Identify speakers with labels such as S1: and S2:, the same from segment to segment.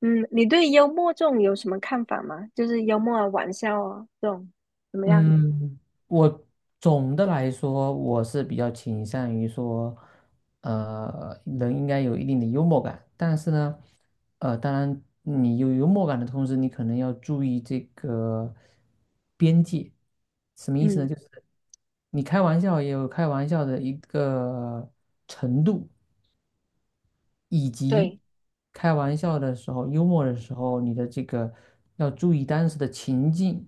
S1: 嗯，你对幽默这种有什么看法吗？就是幽默啊、玩笑啊这种怎么样？
S2: 嗯，我总的来说，我是比较倾向于说，人应该有一定的幽默感，但是呢，当然你有幽默感的同时，你可能要注意这个边界，什么意思呢？
S1: 嗯，
S2: 就是你开玩笑也有开玩笑的一个程度，以及
S1: 对。
S2: 开玩笑的时候，幽默的时候，你的这个要注意当时的情境。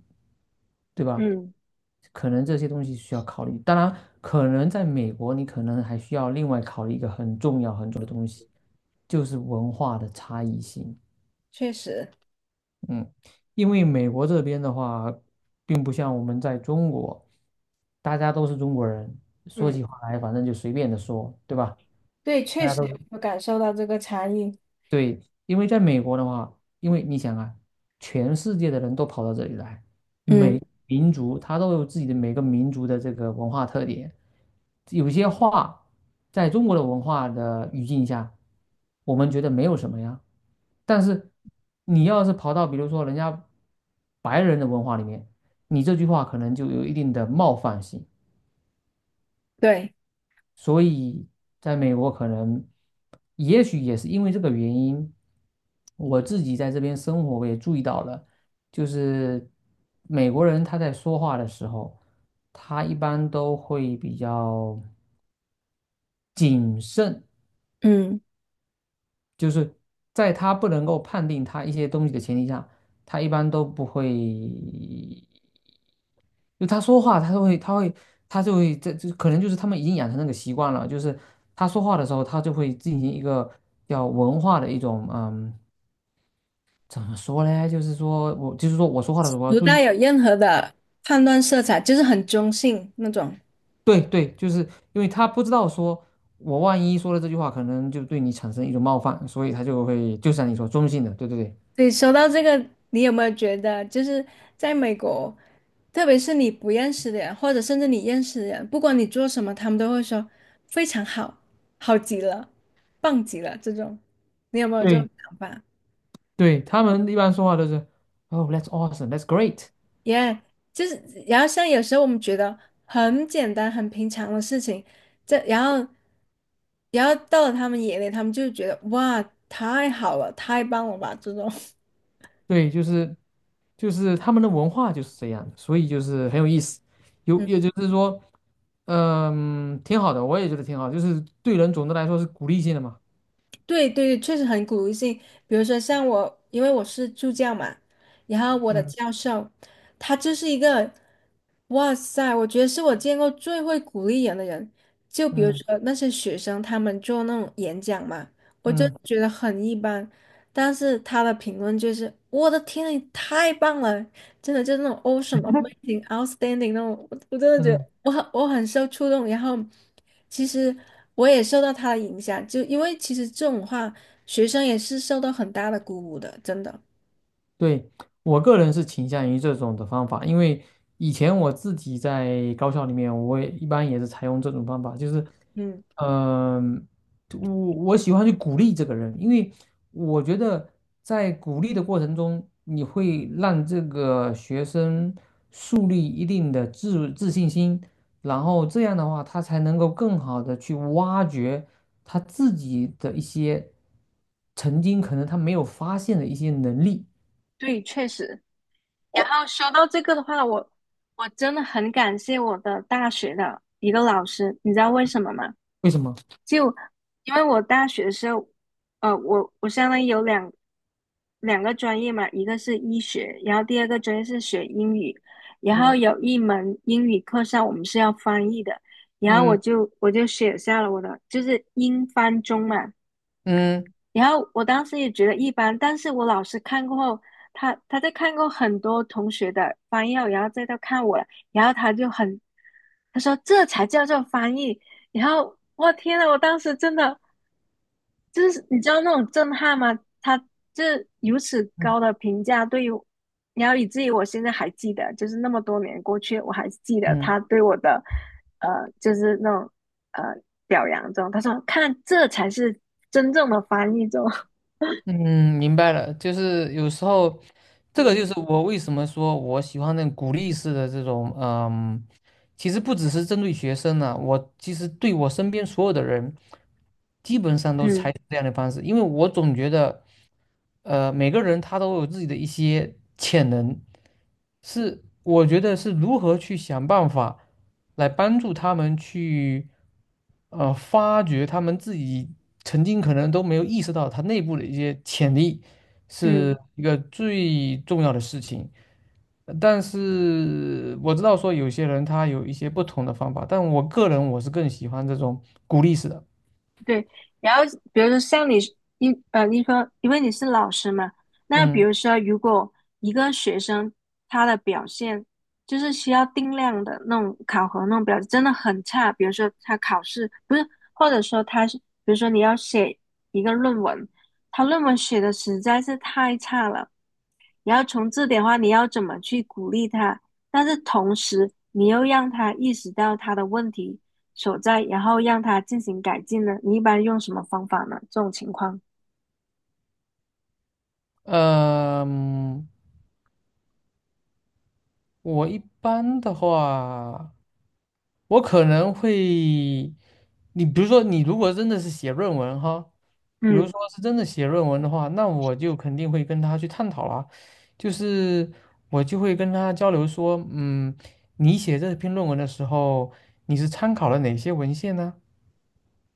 S2: 对吧？
S1: 嗯，
S2: 可能这些东西需要考虑。当然，可能在美国，你可能还需要另外考虑一个很重要很重要的东西，就是文化的差异性。
S1: 确实。
S2: 嗯，因为美国这边的话，并不像我们在中国，大家都是中国人，说
S1: 嗯，
S2: 起话来反正就随便的说，对吧？
S1: 对。
S2: 大
S1: 确
S2: 家都
S1: 实
S2: 是
S1: 有感受到这个差异。
S2: 对，因为在美国的话，因为你想啊，全世界的人都跑到这里来。
S1: 嗯，
S2: 民族，它都有自己的每个民族的这个文化特点。有些话在中国的文化的语境下，我们觉得没有什么呀。但是你要是跑到比如说人家白人的文化里面，你这句话可能就有一定的冒犯性。
S1: 对。
S2: 所以在美国可能，也许也是因为这个原因，我自己在这边生活，我也注意到了，就是美国人他在说话的时候，他一般都会比较谨慎，
S1: 嗯，
S2: 就是在他不能够判定他一些东西的前提下，他一般都不会就他说话，他就会，这可能就是他们已经养成那个习惯了，就是他说话的时候，他就会进行一个叫文化的一种，嗯，怎么说嘞？就是说我说话的时候我要
S1: 不
S2: 注
S1: 带
S2: 意，
S1: 有任何的判断色彩，就是很中性那种。
S2: 对对，就是因为他不知道说我万一说了这句话，可能就对你产生一种冒犯，所以他就会，就像你说中性的，对对
S1: 对，说到这个，你有没有觉得，就是在美国，特别是你不认识的人，或者甚至你认识的人，不管你做什么，他们都会说非常好，好极了，棒极了这种。你有没有这
S2: 对
S1: 种
S2: 对
S1: 想法？
S2: 对，他们一般说话都是，Oh, that's awesome, that's great。
S1: 耶。就是，然后像有时候我们觉得很简单、很平常的事情，这然后，然后到了他们眼里，他们就觉得哇，太好了，太棒了吧这种。
S2: 对，就是他们的文化就是这样所以就是很有意思。有也就是说，嗯，挺好的，我也觉得挺好，就是对人总的来说是鼓励性的嘛。
S1: 对对，确实很鼓励性。比如说像我，因为我是助教嘛，然后我的
S2: 嗯
S1: 教授，他就是一个，哇塞，我觉得是我见过最会鼓励人的人。就比如
S2: 嗯
S1: 说那些学生，他们做那种演讲嘛，我就
S2: 嗯
S1: 觉得很一般，但是他的评论就是，我的天，你太棒了，真的就是那种 awesome、amazing、outstanding 那种，我真的觉
S2: 嗯，
S1: 得。我很受触动，然后其实我也受到他的影响，就因为其实这种话，学生也是受到很大的鼓舞的，真的。
S2: 对，我个人是倾向于这种的方法，因为以前我自己在高校里面，我也一般也是采用这种方法，就是。
S1: 嗯。
S2: 嗯，我我喜欢去鼓励这个人，因为我觉得在鼓励的过程中，你会让这个学生树立一定的自信心，然后这样的话，他才能够更好的去挖掘他自己的一些曾经可能他没有发现的一些能力。
S1: 对，确实。然后说到这个的话，我真的很感谢我的大学的一个老师，你知道为什么吗？
S2: 为什么？
S1: 就因为我大学的时候，我相当于有两个专业嘛，一个是医学，然后第二个专业是学英语，然后有一门英语课上我们是要翻译的，然后我就写下了我的就是英翻中嘛，
S2: 嗯
S1: 然后我当时也觉得一般，但是我老师看过后，他在看过很多同学的翻译后，然后再到看我了，然后他就很，他说这才叫做翻译。然后我天呐，我当时真的就是你知道那种震撼吗？他这如此高的评价对于，然后以至于我现在还记得，就是那么多年过去，我还记得
S2: 嗯
S1: 他对我的，呃，就是那种呃表扬中，他说看这才是真正的翻译中。
S2: 嗯，明白了，就是有时候，这个就
S1: 嗯。
S2: 是我为什么说我喜欢那种鼓励式的这种，嗯，其实不只是针对学生呢、我其实对我身边所有的人，基本上都是
S1: 嗯
S2: 采取这样的方式，因为我总觉得。每个人他都有自己的一些潜能，是我觉得是如何去想办法来帮助他们去，发掘他们自己曾经可能都没有意识到他内部的一些潜力，是
S1: 嗯，
S2: 一个最重要的事情。但是我知道说有些人他有一些不同的方法，但我个人我是更喜欢这种鼓励式的。
S1: 对。然后比如说像你说因为你是老师嘛，那比
S2: 嗯，
S1: 如说如果一个学生他的表现就是需要定量的那种考核那种表现真的很差，比如说他考试不是，或者说他是，比如说你要写一个论文，他论文写的实在是太差了，你要从这点的话，你要怎么去鼓励他？但是同时，你又让他意识到他的问题所在，然后让他进行改进呢？你一般用什么方法呢？这种情况。
S2: 呃，嗯我一般的话。我可能会，你比如说，你如果真的是写论文哈，比如
S1: 嗯
S2: 说是真的写论文的话，那我就肯定会跟他去探讨啦，就是我就会跟他交流说，嗯，你写这篇论文的时候，你是参考了哪些文献呢？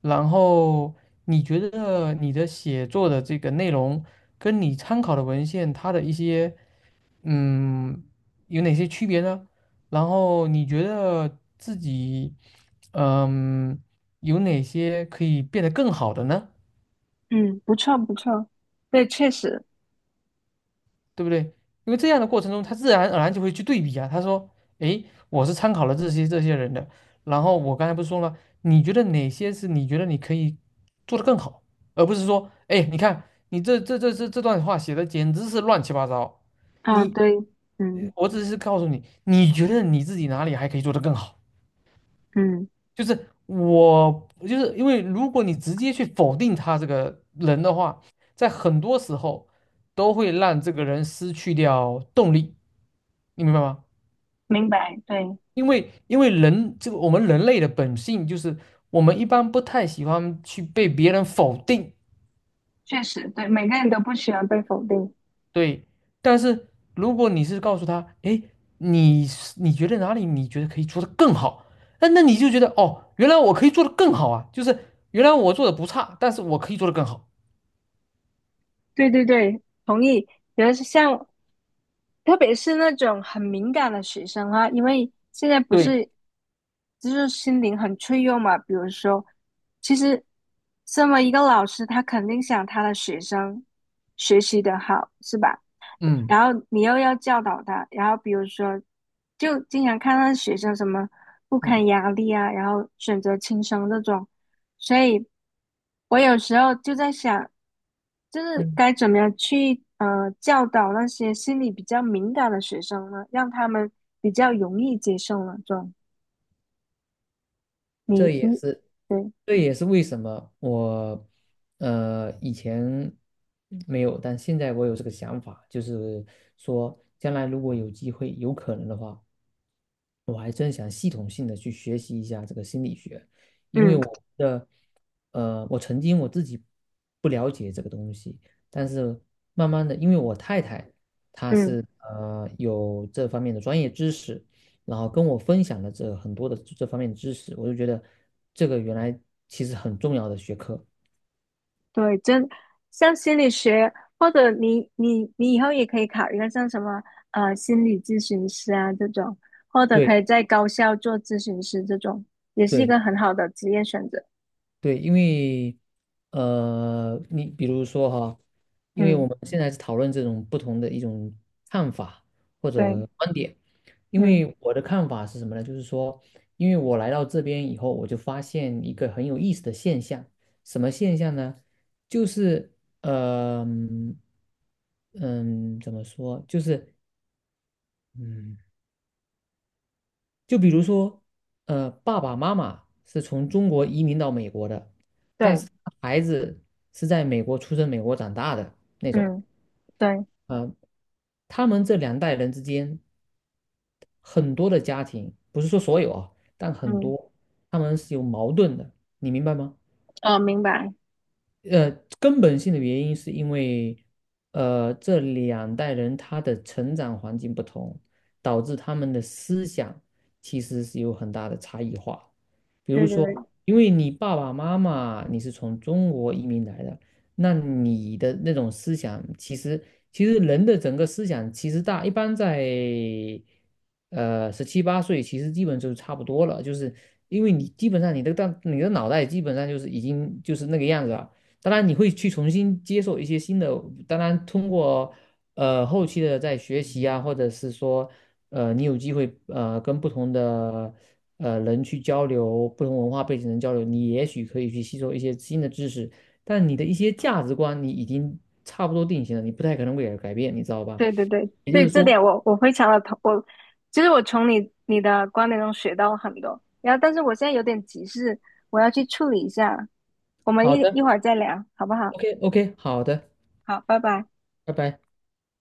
S2: 然后你觉得你的写作的这个内容跟你参考的文献它的一些嗯，有哪些区别呢？然后你觉得自己，嗯，有哪些可以变得更好的呢？
S1: 嗯，不错不错，对，确实。
S2: 对不对？因为这样的过程中，他自然而然就会去对比啊。他说：“诶，我是参考了这些这些人的，然后我刚才不是说了，你觉得哪些是你觉得你可以做得更好，而不是说，诶，你看你这段话写的简直是乱七八糟。
S1: 啊，
S2: 你，
S1: 对。嗯
S2: 我只是告诉你，你觉得你自己哪里还可以做得更好。”
S1: 嗯，
S2: 就是我，就是因为如果你直接去否定他这个人的话，在很多时候都会让这个人失去掉动力，你明白吗？
S1: 明白，对，
S2: 因为人这个我们人类的本性就是我们一般不太喜欢去被别人否定，
S1: 确实。对，每个人都不喜欢被否定。
S2: 对。但是如果你是告诉他，哎，你是你觉得哪里你觉得可以做得更好，那那你就觉得哦，原来我可以做得更好啊，就是原来我做的不差，但是我可以做得更好。
S1: 对对对，同意。比如是像特别是那种很敏感的学生啊，因为现在不
S2: 对。
S1: 是就是心灵很脆弱嘛。比如说，其实身为一个老师，他肯定想他的学生学习的好，是吧？
S2: 嗯
S1: 然后你又要教导他，然后比如说，就经常看到学生什么不
S2: 嗯
S1: 堪压力啊，然后选择轻生这种，所以我有时候就在想，就是
S2: 嗯，
S1: 该怎么样去教导那些心理比较敏感的学生呢，让他们比较容易接受呢？这种你
S2: 这也
S1: 你
S2: 是，
S1: 对。
S2: 这也是为什么我，以前没有，但现在我有这个想法，就是说，将来如果有机会、有可能的话，我还真想系统性的去学习一下这个心理学，因为
S1: 嗯
S2: 我的，我曾经我自己不了解这个东西，但是慢慢的，因为我太太她
S1: 嗯，
S2: 是有这方面的专业知识，然后跟我分享了这很多的这方面的知识，我就觉得这个原来其实很重要的学科。
S1: 对。真像心理学，或者你以后也可以考虑一个像什么心理咨询师啊这种，或者
S2: 对
S1: 可以在高校做咨询师这种，也是一
S2: 对，
S1: 个很好的职业选择。
S2: 对，因为你比如说哈，因为我
S1: 嗯，
S2: 们现在是讨论这种不同的一种看法或
S1: 对。
S2: 者观点，因
S1: 嗯，
S2: 为我的看法是什么呢？就是说，因为我来到这边以后，我就发现一个很有意思的现象，什么现象呢？就是呃，嗯，嗯怎么说？就是嗯。就比如说，爸爸妈妈是从中国移民到美国的，但
S1: 对。
S2: 是孩子是在美国出生、美国长大的那种。
S1: 嗯，对。
S2: 呃，他们这两代人之间，很多的家庭，不是说所有啊，但很
S1: 嗯。
S2: 多，他们是有矛盾的，你明白吗？
S1: 哦，明白。
S2: 呃，根本性的原因是因为，这两代人他的成长环境不同，导致他们的思想其实是有很大的差异化。比如
S1: 对对
S2: 说，
S1: 对。
S2: 因为你爸爸妈妈你是从中国移民来的，那你的那种思想，其实其实人的整个思想其实大一般在，十七八岁其实基本就是差不多了，就是因为你基本上你的大你的脑袋基本上就是已经就是那个样子了。当然你会去重新接受一些新的，当然通过后期的在学习啊，或者是说你有机会跟不同的人去交流，不同文化背景的人交流，你也许可以去吸收一些新的知识，但你的一些价值观你已经差不多定型了，你不太可能会改变，你知道吧？
S1: 对对对
S2: 也就
S1: 对，
S2: 是
S1: 这
S2: 说，
S1: 点我非常的同我，其实我从你的观点中学到了很多。然后，但是我现在有点急事，我要去处理一下，我们
S2: 好
S1: 一
S2: 的
S1: 会儿再聊，好不好？
S2: ，OK OK，好的，
S1: 好，拜拜。
S2: 拜拜。